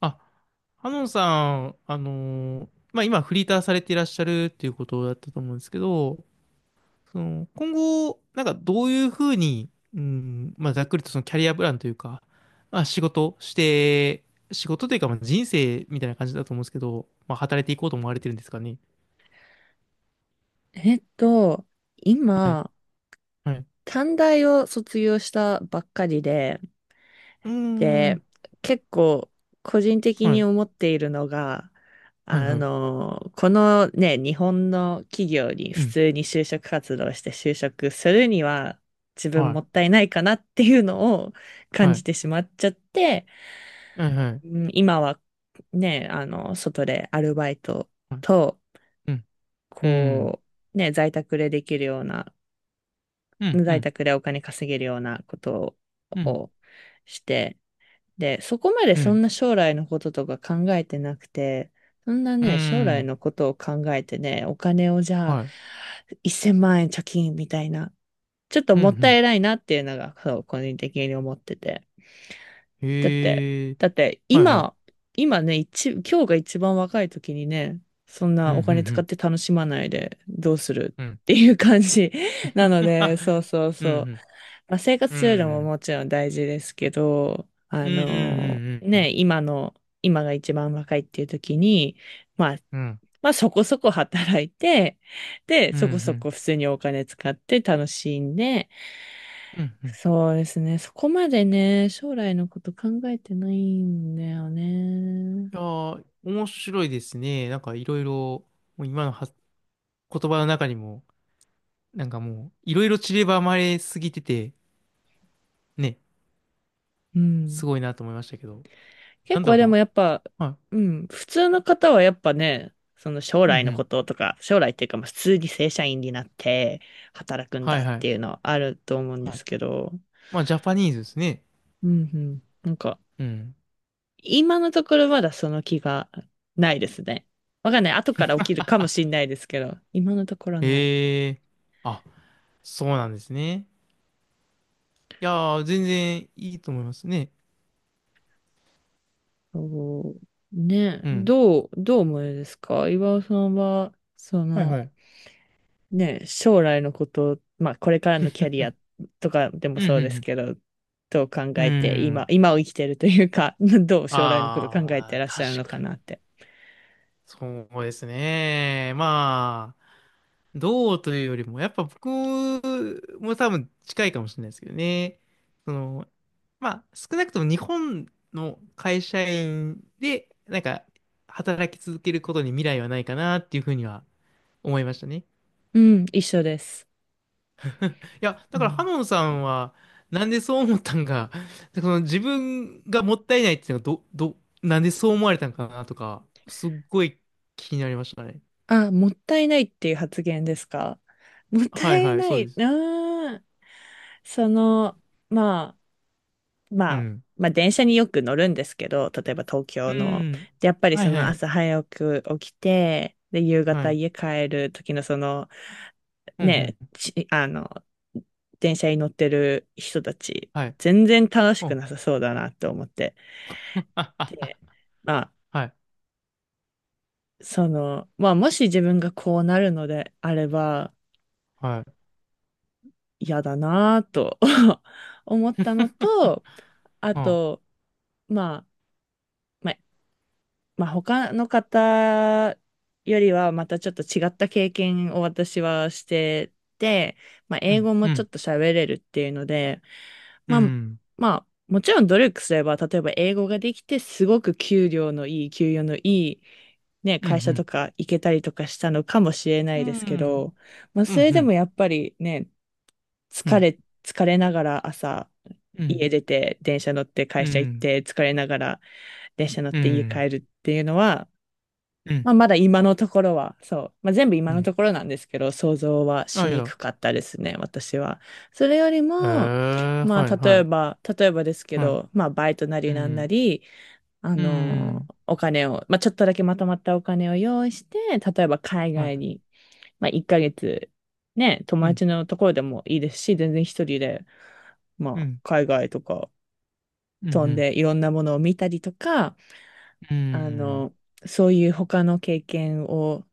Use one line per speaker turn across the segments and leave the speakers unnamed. あ、ハノンさん、まあ、今フリーターされていらっしゃるっていうことだったと思うんですけど、その、今後、なんかどういうふうに、うん、まあ、ざっくりとそのキャリアプランというか、まあ、仕事して、仕事というか、まあ、人生みたいな感じだと思うんですけど、まあ、働いていこうと思われてるんですかね。
えっと、
はい、
今、
はい。
短大を卒業したばっかりで、
うー
で、
ん、
結構個人的
は
に
い、
思っているのが、
はい、はい。
このね、日本の企業に
う
普
ん、
通に就職活動して就職するには自分
は
も
い、
ったいないかなっていうのを感
は
じ
い、
てしまっちゃって、
はい、は
う
い。
ん、今はね、外でアルバイト
はい、
と、
うん、うん、
こね、在宅でできるような、
うん、う
在
ん、
宅でお金稼げるようなこと
うん、
をして、で、そこまで
う
そん
ん、
な将来のこととか考えてなくて、そんな
う
ね、将来
ん、
のことを考えてね、お金をじゃあ、
はい、
1000万円貯金みたいな、ちょっと
うん、う
もった
ん。
いないなっていうのが、そう、個人的に思ってて。だって、
へえ。
だって、
はいは
今、
い。
今ね、今日が一番若い時にね、そん
うん、
な
う
お金使っ
ん、
て楽しまないでどうする
うん。うん。
っていう感じ なので、そう そう
うん、う
そう。
ん。
まあ、生活
う
するのも
ん、
もちろん大事ですけど、
うん、う
ね、
ん。
今が一番若いっていう時に、まあ、
うん、
まあそこそこ働いて、で、
うん、う
そこそ
ん。
こ普通にお金使って楽しんで、
うんうんうん。
そうですね。そこまでね、将来のこと考えてないんだよね。
いやー、面白いですね。なんかいろいろ、もう今のは言葉の中にも、なんかもう、いろいろ散りばまれすぎてて、ね、
うん。
すごいなと思いましたけど。
結
なんだ
構
ろ
でもやっぱ、
うな。は
うん、普通の方はやっぱね、その将
い。う
来
ん、う
のこ
ん。
ととか、将来っていうか、まあ普通に正社員になって働くん
はい
だっ
は
て
い。
いうのはあると思うんで
はい。
すけど、
まあ、ジャパニーズですね。
うんうん。なんか、
うん。
今のところまだその気がないですね。わかんない。後から起きるかもしんないですけど、今のところない。
へえ。あ、そうなんですね。いやー、全然いいと思いますね。
そう、ね、
うん。
どう思いですか岩尾さんは、
はいはい。
ね、将来のこと、まあ、これからのキャリアとかでも
うん、う
そうです
ん、
けど、どう考
うん。う
えて、今、
ん。
今を生きてるというか、どう将来のこと考えて
あー、
らっしゃるの
確
か
かに。
なって。
そうですね。まあ、どうというよりも、やっぱ僕も多分近いかもしれないですけどね。その、まあ、少なくとも日本の会社員で、なんか、働き続けることに未来はないかなっていうふうには思いましたね。
うん、一緒です。
いや、だ
う
からハ
ん。
ノンさんは、なんでそう思ったんか、その自分がもったいないっていうのがなんでそう思われたんかなとか、すっごい気になりましたね。
あ、もったいないっていう発言ですか？もっ
は
た
い
い
はい、
な
そう
い、
です。
その、まあ、ま
う
あ、
ん。
まあ電車によく乗るんですけど、例えば東
う
京の。
ん。
で、やっぱり
は
そ
い
の
はい。
朝早く起きて、で、夕
は
方
い。
家帰る時の
うんう
ね、
ん。
電車に乗ってる人たち、
はい。
全然楽し
ほ
く
ん。
なさそうだなと思って。
あ、あ、
で、まあ、
あ、はい。
まあ、もし自分がこうなるのであれば、
はい。
嫌だなと 思ったのと、あ
あ、
と、まあ、まあまあ、他の方よりはまたちょっと違った経験を私はしてて、まあ、
う
英
ん。
語も
う
ちょっ
ん。
と喋れるっていうので、
う
まあ、
ん。
まあ、もちろん努力すれば、例えば英語ができて、すごく給与のいい、ね、
うん。う
会社と
ん。
か行けたりとかしたのかもしれな
う
いですけ
ん。
ど、まあ、
う
それでも
ん。
やっぱりね、
う
疲
ん。
れ、疲れながら朝、
うん。
家出て、電車乗って
う
会
ん。う
社行っ
ん。
て、疲れながら電車乗って家帰るっていうのは、
うん。
まあ、まだ今のところは、そう。まあ、全部今
う
の
ん。
ところなんですけど、想像はし
あ、い
に
や。
くかったですね、私は。それより
へ
も、
え、
ま
はい
あ、
は
例え
い。
ば、例えばですけ
は
ど、まあ、バイトな
い。う
りなんな
ん。
り、あ
うー
の
ん。
ーお金を、まあ、ちょっとだけまとまったお金を用意して、例えば海
はい。
外に、まあ、1ヶ月、ね、友
うん。
達のところでもいいですし、全然一人で、ま
う
あ、
ん。
海外とか
う
飛ん
ん。
でいろんなものを見たりとか、
うん。う
あ
ん。
の、そういう他の経験を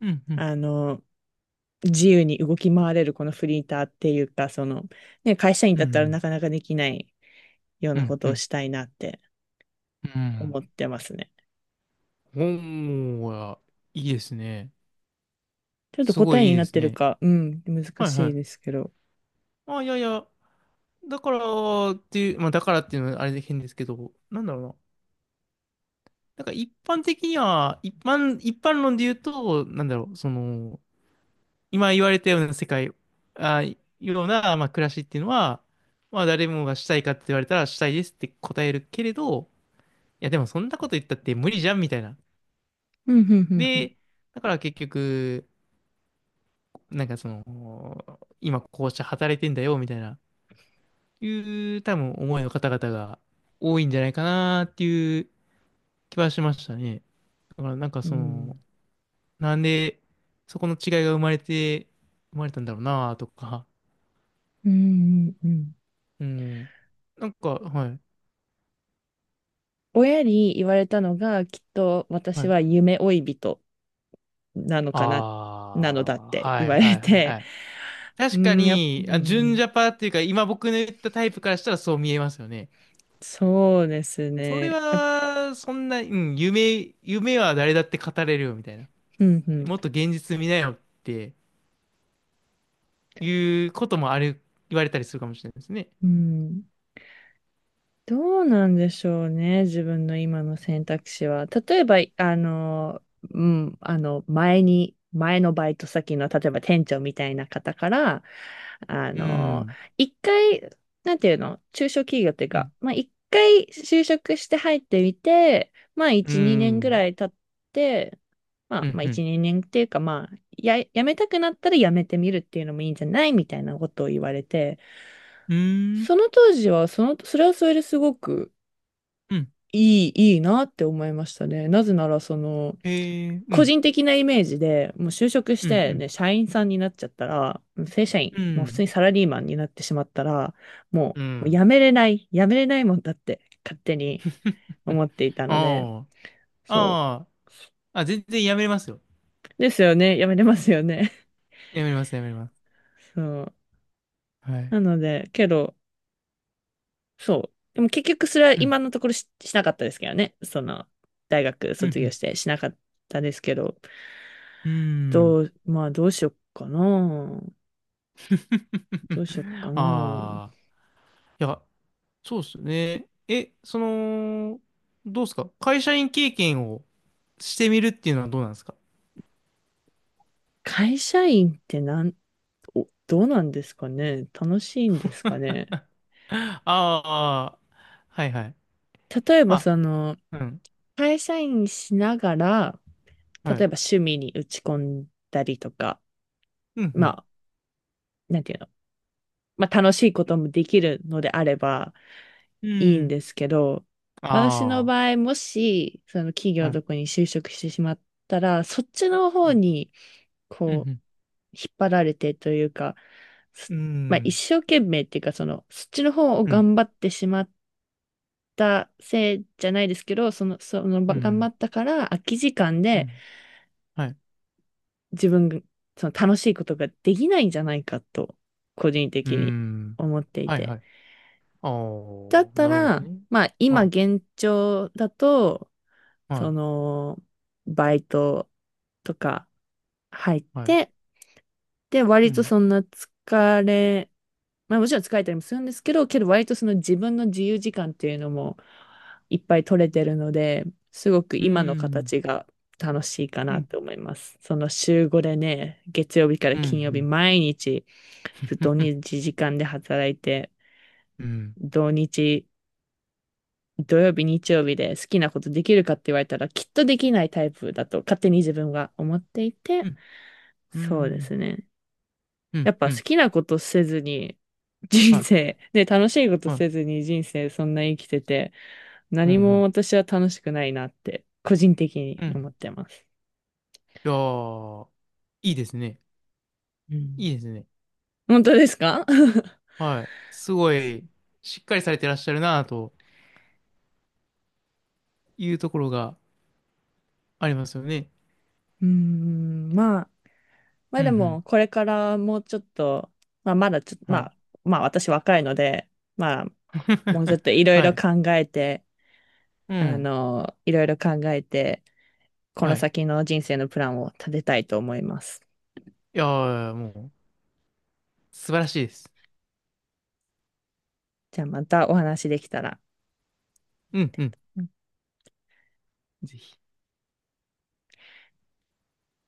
うん。うん。
あの、自由に動き回れるこのフリーターっていうか、ね、会社員
う
だったらな
ん。
かなかできないよう
う
な
ん。
こと
う
を
ん。
したいなって
う
思
ん。
ってますね。
おーや、いいですね。
ちょっと
すご
答え
いいい
にな
で
っ
す
てる
ね。
か、うん、難
はいは
しい
い。
ですけど。
あ、いやいや、だからっていう、まあだからっていうのはあれで変ですけど、なんだろうな。なんか一般的には、一般論で言うと、なんだろう、その、今言われたような世界、あ、ような、まあ暮らしっていうのは、まあ誰もがしたいかって言われたらしたいですって答えるけれど、や、でもそんなこと言ったって無理じゃんみたいな。
うん、うん、うん、
で、だから結局、なんかその、今こうして働いてんだよみたいな、いう多分思いの方々が多いんじゃないかなっていう気はしましたね。だからなんか
う
その、
ん。
なんでそこの違いが生まれたんだろうなとか、
うん、うん、うん。
うん。なんか、はい、
親に言われたのが、きっと
は
私
い。
は夢追い人なの
あ
かな、なのだっ
あ、
て
は
言わ
いは
れ
いはいは
て、
い。
う
確か
ん、う
に、あ、純ジ
ん、
ャパっていうか、今僕の言ったタイプからしたらそう見えますよね。
そうです
それ
ね。
は、そんな、うん、夢は誰だって語れるよ、みたいな。
うん、うん。
もっと現実見なよっていうこともある、言われたりするかもしれないですね。
うん、どうなんでしょうね、自分の今の選択肢は。例えば、うん、前のバイト先の、例えば店長みたいな方から、あ
う
の、
ん、
一回、なんていうの、中小企業っていう
う
か、
ん、
まあ、一回就職して入ってみて、まあ、
う
一、二年ぐ
ん、
らい経って、まあ、
う
ま
ん、
あ、
う
一、
ん、
二年っていうか、まあ、辞めたくなったら辞めてみるっていうのもいいんじゃないみたいなことを言われて、
うん、
その当時は、それはそれですごく、
うん、
いいなって思いましたね。なぜなら、
へえ、う
個
ん、
人的なイメージで、もう就職し
うん、う
て、
ん、
ね、社員さんになっちゃったら、正社員、
う
もう普通
ん、
にサラリーマンになってしまったら、も
う
う、もう辞
ん、
めれない、辞めれないもんだって勝手に
う
思
ん、
っていたので、
あ
そ
あ、ああ、あ、全然やめれますよ。
う。ですよね。辞めれますよね。
やめれます、やめれます。
そう。
はい。
なので、けど、そう。でも結局それは
うん、
今のところしなかったですけどね。大学
う
卒業
ん、
してしなかったですけど、
うん、うん。
まあどうしよっかな。どうしよっか な。
ああ、いや、そうですよねえ、その、どうですか、会社員経験をしてみるっていうのはどうなんですか？
会社員ってなん、お、どうなんですかね。楽しいんですかね。
あー、はいはい、
例え
ま
ば
あうん、
会社員しながら、例
は
え
い、
ば趣味に打ち込んだりとか、
うん、
まあ、なんていうの。まあ楽しいこともできるのであれば、
うん、
いい
う
ん
ん、
ですけど、私の
あ
場合、もし、その企業
ー、
の
うん、
とこに就職してしまったら、そっちの方に、
う
こ
ん、
引っ張られてというか、そ
う
まあ、一
ん、
生懸命っていうか、そっちの方を
うん、
頑張ってしまったせいじゃないですけど、
う
頑張
ん、
ったから空き時間
う
で
ん、はい、
自分が、その楽しいことができないんじゃないかと、個人
う
的に
ん、
思ってい
はい
て。
はい、あ
だっ
ー、
た
なるほど
ら、
ね、
まあ、今
はい
現状だと、そ
は
の、バイトとか入っ
いはい、
て、で、
う
割と
ん、
そんな疲れ、まあもちろん疲れたりもするんですけど、けど割とその自分の自由時間っていうのもいっぱい取れてるので、すごく
う
今の
ん、
形が楽しいか
う
な
ん、
と思います。その週5でね、月曜日から
う
金曜日
ん、
毎日ずっと同じ時間で働いて、
うん、うん、うん、
土日土曜日、日曜日で好きなことできるかって言われたら、きっとできないタイプだと勝手に自分が思っていて、
うん、うん、うん、うん、うん、
そ
うん、う
う
ん、うん、
で
うん、
すね。
う
や
ん、
っぱ
う
好
ん、
きなことせずに、
は
人
い、
生、ね、楽しいこと
はい、
せずに人生そんな生きてて、
うん、う
何も
ん、
私は楽しくないなって、個人的に
う
思
ん。
ってます。
いやー、いいですね。
うん、
いいですね。
本当ですか？
はい。すごい、しっかりされてらっしゃるなというところがありますよね。
うーん、まあ、まあ
うん、
で
うん、
も、これからもうちょっと、まあまだちょっと、
はい。
まあ私若いので、まあ、もうちょっとい ろい
は
ろ
い、
考えて、
う
あ
ん、
の、いろいろ考えて、この
はい。
先の人生のプランを立てたいと思います。
いやー、もう、素晴らしいです。
じゃあまたお話できたら。
うん、うん、ぜひ。